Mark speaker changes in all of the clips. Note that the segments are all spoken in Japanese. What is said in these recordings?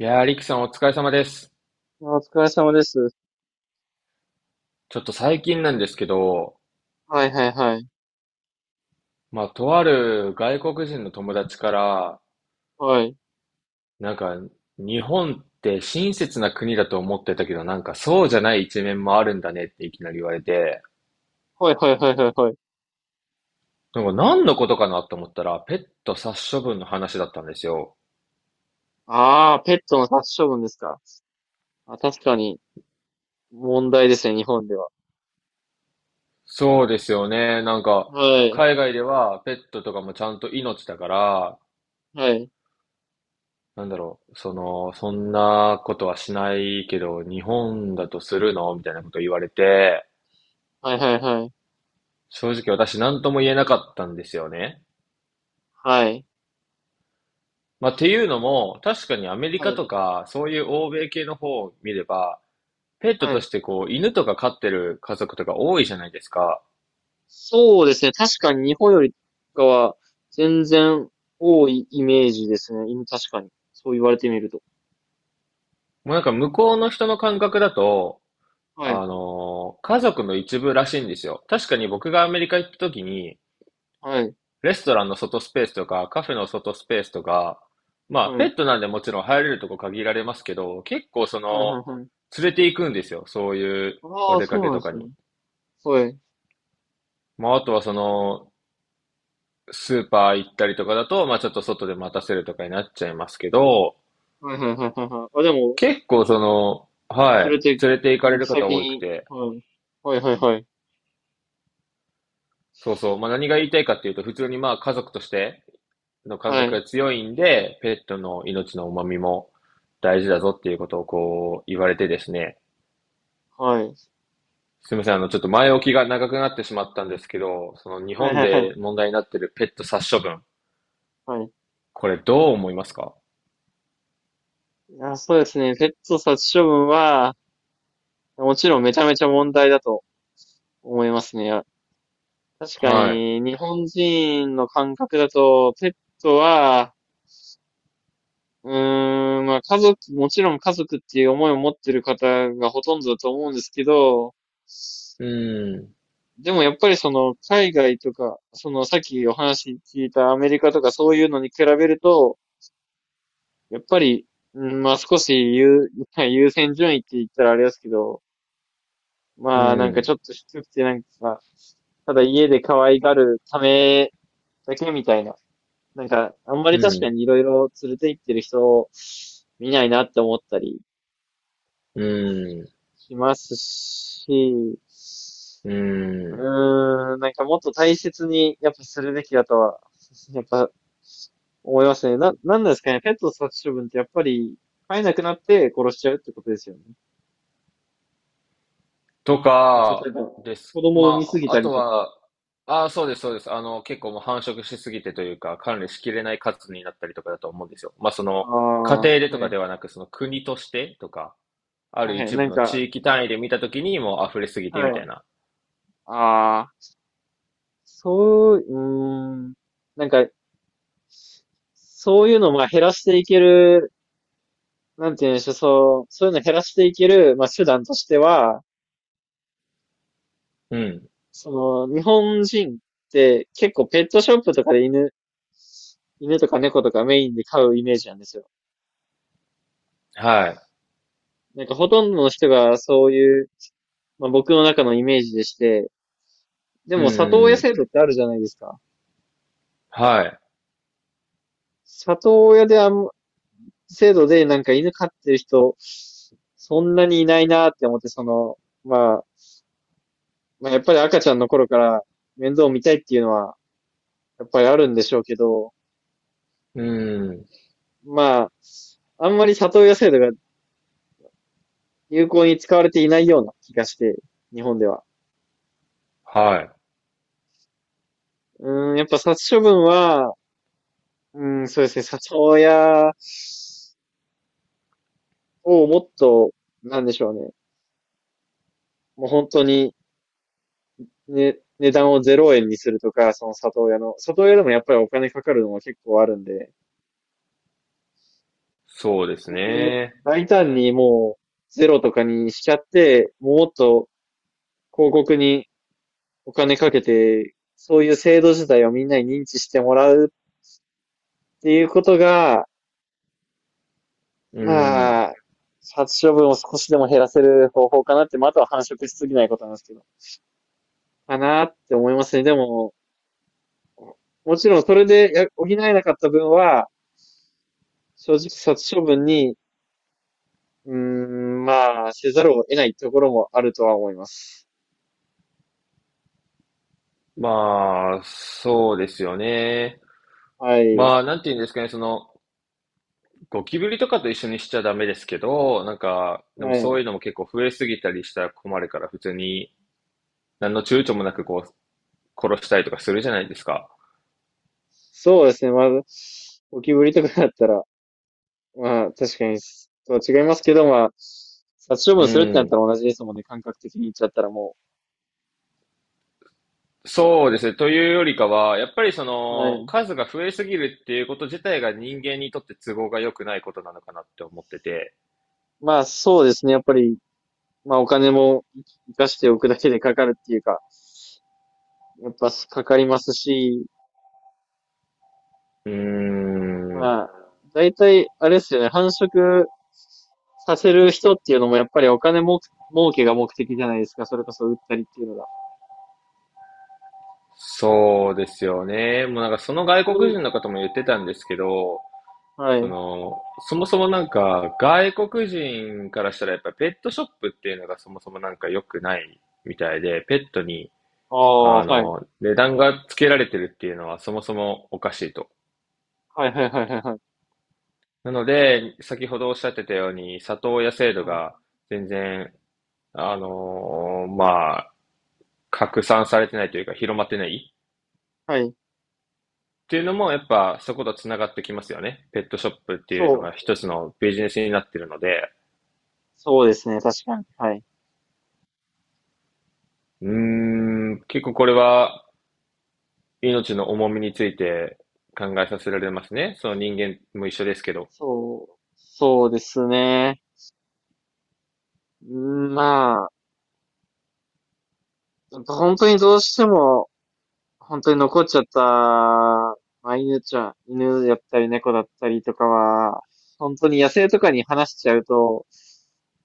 Speaker 1: いやー、リキさんお疲れ様です。
Speaker 2: あ、お疲れ様です。
Speaker 1: ちょっと最近なんですけど、
Speaker 2: はいはいはい。
Speaker 1: まあ、とある外国人の友達から、
Speaker 2: はい。
Speaker 1: なんか、日本って親切な国だと思ってたけど、なんかそうじゃない一面もあるんだねっていきなり言われて、
Speaker 2: はいはいはいはいはい。
Speaker 1: なんか何のことかなと思ったら、ペット殺処分の話だったんですよ。
Speaker 2: ああ、ペットの殺処分ですか。あ、確かに問題ですね、日本では。
Speaker 1: そうですよね。
Speaker 2: はい。
Speaker 1: 海外ではペットとかもちゃんと命だから、
Speaker 2: はい。
Speaker 1: そんなことはしないけど、日本だとするのみたいなこと言われて、
Speaker 2: はいはいはい。
Speaker 1: 正直私何とも言えなかったんですよね。
Speaker 2: はい。
Speaker 1: まあ、っていうのも、確かにアメリ
Speaker 2: は
Speaker 1: カ
Speaker 2: い。
Speaker 1: とか、そういう欧米系の方を見れば、ペット
Speaker 2: は
Speaker 1: と
Speaker 2: い。
Speaker 1: してこう、犬とか飼ってる家族とか多いじゃないですか。
Speaker 2: そうですね。確かに日本よりかは全然多いイメージですね。今確かに。そう言われてみると。
Speaker 1: もうなんか向こうの人の感覚だと、
Speaker 2: はい。
Speaker 1: 家族の一部らしいんですよ。確かに僕がアメリカ行った時に、
Speaker 2: はい。
Speaker 1: レストランの外スペースとか、カフェの外スペースとか、まあ、
Speaker 2: は
Speaker 1: ペ
Speaker 2: い。
Speaker 1: ットなんでもちろん入れるとこ限られますけど、結構そ
Speaker 2: はい
Speaker 1: の、
Speaker 2: はいはい。
Speaker 1: 連れて行くんですよ。そういう
Speaker 2: あ
Speaker 1: お
Speaker 2: あ、
Speaker 1: 出か
Speaker 2: そう
Speaker 1: け
Speaker 2: なん
Speaker 1: と
Speaker 2: で
Speaker 1: か
Speaker 2: すね。
Speaker 1: に。
Speaker 2: はい。
Speaker 1: まあ、あとはその、スーパー行ったりとかだと、まあ、ちょっと外で待たせるとかになっちゃいますけど、
Speaker 2: はいはいはいはいはい。あ、でも、
Speaker 1: 結構その、は
Speaker 2: それ
Speaker 1: い、
Speaker 2: で、
Speaker 1: 連れて行かれ
Speaker 2: 行
Speaker 1: る
Speaker 2: き
Speaker 1: 方
Speaker 2: 先
Speaker 1: 多く
Speaker 2: に、
Speaker 1: て、
Speaker 2: はい。はいはいはい。
Speaker 1: そうそう、まあ、何が言いたいかっていうと、普通にまあ、家族としての感
Speaker 2: は
Speaker 1: 覚
Speaker 2: い。
Speaker 1: が強いんで、ペットの命の重みも大事だぞっていうことをこう、言われてですね、
Speaker 2: はい。
Speaker 1: すみません、あの、ちょっと前置きが長くなってしまったんですけど、その日
Speaker 2: はい
Speaker 1: 本
Speaker 2: はいはい。はいは
Speaker 1: で
Speaker 2: い
Speaker 1: 問題になってるペット殺処分、
Speaker 2: はい。
Speaker 1: これどう思いますか？
Speaker 2: いや、そうですね。ペット殺処分は、もちろんめちゃめちゃ問題だと思いますね。確か
Speaker 1: は
Speaker 2: に、日本人の感覚だと、ペットは、まあ家族、もちろん家族っていう思いを持ってる方がほとんどだと思うんですけど、
Speaker 1: い。うん、
Speaker 2: でもやっぱりその海外とか、そのさっきお話聞いたアメリカとかそういうのに比べると、やっぱり、うん、まあ少し優先順位って言ったらあれですけど、
Speaker 1: う
Speaker 2: まあなんかち
Speaker 1: ん、
Speaker 2: ょっと低くてなんか、ただ家で可愛がるためだけみたいな。なんか、あんま
Speaker 1: う
Speaker 2: り確か
Speaker 1: ん。
Speaker 2: にいろいろ連れて行ってる人を見ないなって思ったり
Speaker 1: うーん、
Speaker 2: しますし、
Speaker 1: うん。
Speaker 2: なんかもっと大切にやっぱするべきだとは、やっぱ思いますね。なんなんですかね。ペット殺処分ってやっぱり飼えなくなって殺しちゃうってことですよね。
Speaker 1: と
Speaker 2: まあ例え
Speaker 1: か、
Speaker 2: ば、
Speaker 1: で
Speaker 2: 子
Speaker 1: す。
Speaker 2: 供を産
Speaker 1: ま
Speaker 2: みすぎ
Speaker 1: あ、あ
Speaker 2: たり
Speaker 1: と
Speaker 2: とか。
Speaker 1: は、ああ、そうです、そうです。あの、結構もう繁殖しすぎてというか、管理しきれない数になったりとかだと思うんですよ。まあ、そ
Speaker 2: あ
Speaker 1: の、家
Speaker 2: あ、
Speaker 1: 庭でと
Speaker 2: は
Speaker 1: か
Speaker 2: い。
Speaker 1: ではなく、その国としてとか、ある
Speaker 2: はい。
Speaker 1: 一
Speaker 2: な
Speaker 1: 部
Speaker 2: ん
Speaker 1: の
Speaker 2: か、
Speaker 1: 地域単位で見たときにもう溢れすぎて
Speaker 2: は
Speaker 1: みたい
Speaker 2: い。
Speaker 1: な。
Speaker 2: ああ、そう、うーん。なんか、そういうのをまあ減らしていける、なんて言うんでしょう、そう、そういうのを減らしていける、まあ手段としては、
Speaker 1: うん。
Speaker 2: その、日本人って結構ペットショップとかで犬とか猫とかメインで飼うイメージなんですよ。
Speaker 1: はい。
Speaker 2: なんかほとんどの人がそういう、まあ僕の中のイメージでして、で
Speaker 1: うん
Speaker 2: も里
Speaker 1: うん
Speaker 2: 親
Speaker 1: うん。
Speaker 2: 制度ってあるじゃないですか。
Speaker 1: はい。
Speaker 2: 里親であん、制度でなんか犬飼ってる人、そんなにいないなって思って、その、まあ、まあ、やっぱり赤ちゃんの頃から面倒を見たいっていうのは、やっぱりあるんでしょうけど、
Speaker 1: うん。
Speaker 2: まあ、あんまり里親制度が有効に使われていないような気がして、日本では。
Speaker 1: はい。
Speaker 2: やっぱ殺処分は、うん、そうですね、里親をもっと、なんでしょうね。もう本当にね、値段を0円にするとか、里親でもやっぱりお金かかるのは結構あるんで、
Speaker 1: そうです
Speaker 2: そういう
Speaker 1: ね。
Speaker 2: 大胆にもうゼロとかにしちゃって、もっと広告にお金かけて、そういう制度自体をみんなに認知してもらうっていうことが、
Speaker 1: うん。
Speaker 2: まあ、殺処分を少しでも減らせる方法かなって、まあ、あとは繁殖しすぎないことなんですけど、かなって思いますね。でも、もちろんそれで補えなかった分は、正直殺処分にまあ、せざるを得ないところもあるとは思います。
Speaker 1: まあ、そうですよね。
Speaker 2: はい。
Speaker 1: まあ、なんて言うんですかね、その、ゴキブリとかと一緒にしちゃダメですけど、なんか、でも
Speaker 2: は
Speaker 1: そうい
Speaker 2: い。
Speaker 1: うのも結構増えすぎたりしたら困るから、普通に何の躊躇もなくこう、殺したりとかするじゃないですか。
Speaker 2: そうですね。まず、ゴキブリとかだったら、まあ、確かに、とは違いますけど、まあ、殺処
Speaker 1: う
Speaker 2: 分するってなった
Speaker 1: ん。
Speaker 2: ら同じですもんね。感覚的に言っちゃったらも
Speaker 1: そうですね。というよりかは、やっぱりそ
Speaker 2: う。は
Speaker 1: の、
Speaker 2: い。
Speaker 1: 数が増えすぎるっていうこと自体が人間にとって都合が良くないことなのかなって思ってて。
Speaker 2: まあ、そうですね。やっぱり、まあ、お金も生かしておくだけでかかるっていうか、やっぱかかりますし、
Speaker 1: うーん。
Speaker 2: まあ、だいたい、あれですよね、繁殖させる人っていうのもやっぱりお金も、儲けが目的じゃないですか。それこそ売ったりっていうのが。
Speaker 1: そうですよね。もうなんかその外
Speaker 2: そ
Speaker 1: 国
Speaker 2: れ
Speaker 1: 人の方も言ってたんですけど、
Speaker 2: は
Speaker 1: そ
Speaker 2: い。
Speaker 1: の、そもそもなんか、外国人からしたらやっぱペットショップっていうのがそもそもなんか良くないみたいで、ペットに、
Speaker 2: ああ、
Speaker 1: あ
Speaker 2: はい。
Speaker 1: の、値段がつけられてるっていうのはそもそもおかしいと。
Speaker 2: はいはいはいはいはい。
Speaker 1: なので、先ほどおっしゃってたように、里親制度
Speaker 2: あの
Speaker 1: が全然、あのーまあ、拡散されてないというか広まってない
Speaker 2: はい。
Speaker 1: っていうのもやっぱそことつながってきますよね。ペットショップっていうのが
Speaker 2: そう。
Speaker 1: 一つのビジネスになってるので、
Speaker 2: そうですね。確かに。はい。
Speaker 1: うーん、結構これは命の重みについて考えさせられますね。その人間も一緒ですけど。
Speaker 2: そう。そうですね。うまあ、本当にどうしても、本当に残っちゃった、まあ、犬ちゃん、犬だったり猫だったりとかは、本当に野生とかに放しちゃうと、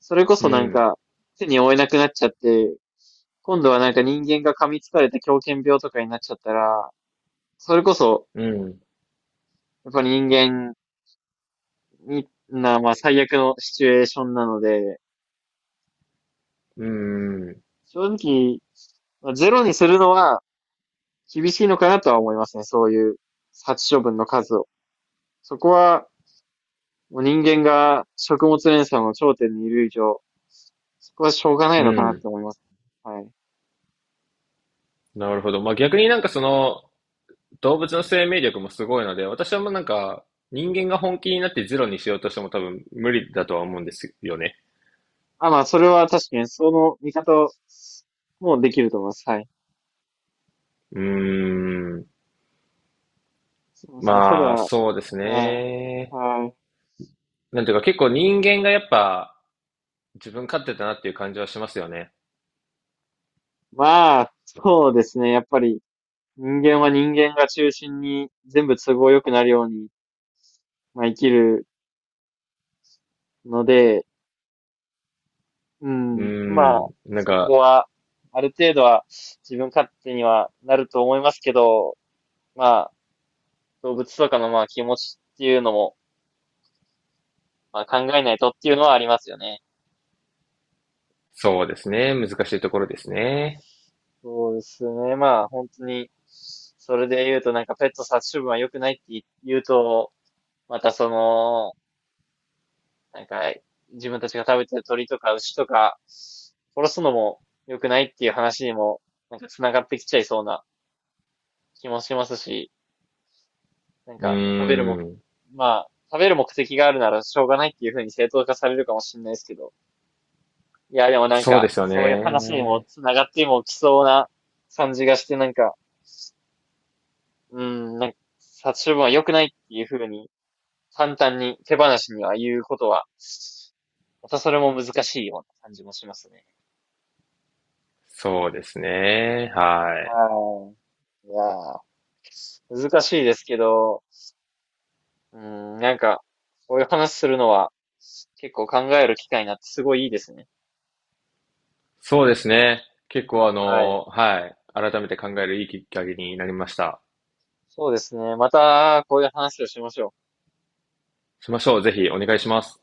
Speaker 2: それこ
Speaker 1: う
Speaker 2: そなん
Speaker 1: ん、
Speaker 2: か手に負えなくなっちゃって、今度はなんか人間が噛みつかれて狂犬病とかになっちゃったら、それこそ、
Speaker 1: うん、
Speaker 2: やっぱり人間に、まあ最悪のシチュエーションなので、
Speaker 1: うん、うん。
Speaker 2: 正直、まあゼロにするのは厳しいのかなとは思いますね。そういう殺処分の数を。そこはもう人間が食物連鎖の頂点にいる以上、そこはしょうがないのかなって思います。はい。
Speaker 1: なるほど。まあ、逆になんかその動物の生命力もすごいので、私はもうなんか人間が本気になってゼロにしようとしても多分無理だとは思うんですよね。
Speaker 2: あ、まあ、それは確かにその見方もできると思います。はい。
Speaker 1: うーん。
Speaker 2: すみません。ただ、
Speaker 1: まあ、
Speaker 2: はい。
Speaker 1: そうですね。
Speaker 2: はい。
Speaker 1: なんていうか結構人間がやっぱ自分勝手だなっていう感じはしますよね。
Speaker 2: まあ、そうですね。やっぱり人間は人間が中心に全部都合良くなるように、まあ、生きるので、う
Speaker 1: うー
Speaker 2: ん、まあ、
Speaker 1: ん。なん
Speaker 2: そこ
Speaker 1: か、
Speaker 2: は、ある程度は自分勝手にはなると思いますけど、まあ、動物とかのまあ気持ちっていうのも、まあ考えないとっていうのはありますよね。
Speaker 1: そうですね。難しいところですね。
Speaker 2: そうですね。まあ本当に、それで言うとなんかペット殺処分は良くないって言うと、またその、なんか自分たちが食べてる鳥とか牛とか、殺すのも良くないっていう話にも、なんか繋がってきちゃいそうな気もしますし、なん
Speaker 1: う
Speaker 2: か食べるも、
Speaker 1: ーん。
Speaker 2: まあ食べる目的があるならしょうがないっていう風に正当化されるかもしれないですけど、いや、でもなん
Speaker 1: そうで
Speaker 2: か、
Speaker 1: すよ
Speaker 2: そういう話にも
Speaker 1: ね。
Speaker 2: 繋がってもきそうな感じがして、なんか、うん、なんか、殺処分は良くないっていう風に、簡単に手放しには言うことは、またそれも難しいような感じもしますね。
Speaker 1: そうですね。はい。
Speaker 2: はい。いやー、難しいですけど、うん、なんか、こういう話するのは、結構考える機会になってすごいいいですね。
Speaker 1: そうですね。結構あ
Speaker 2: はい。
Speaker 1: の、はい。改めて考えるいいきっかけになりました。
Speaker 2: そうですね。また、こういう話をしましょう。
Speaker 1: しましょう。ぜひお願いします。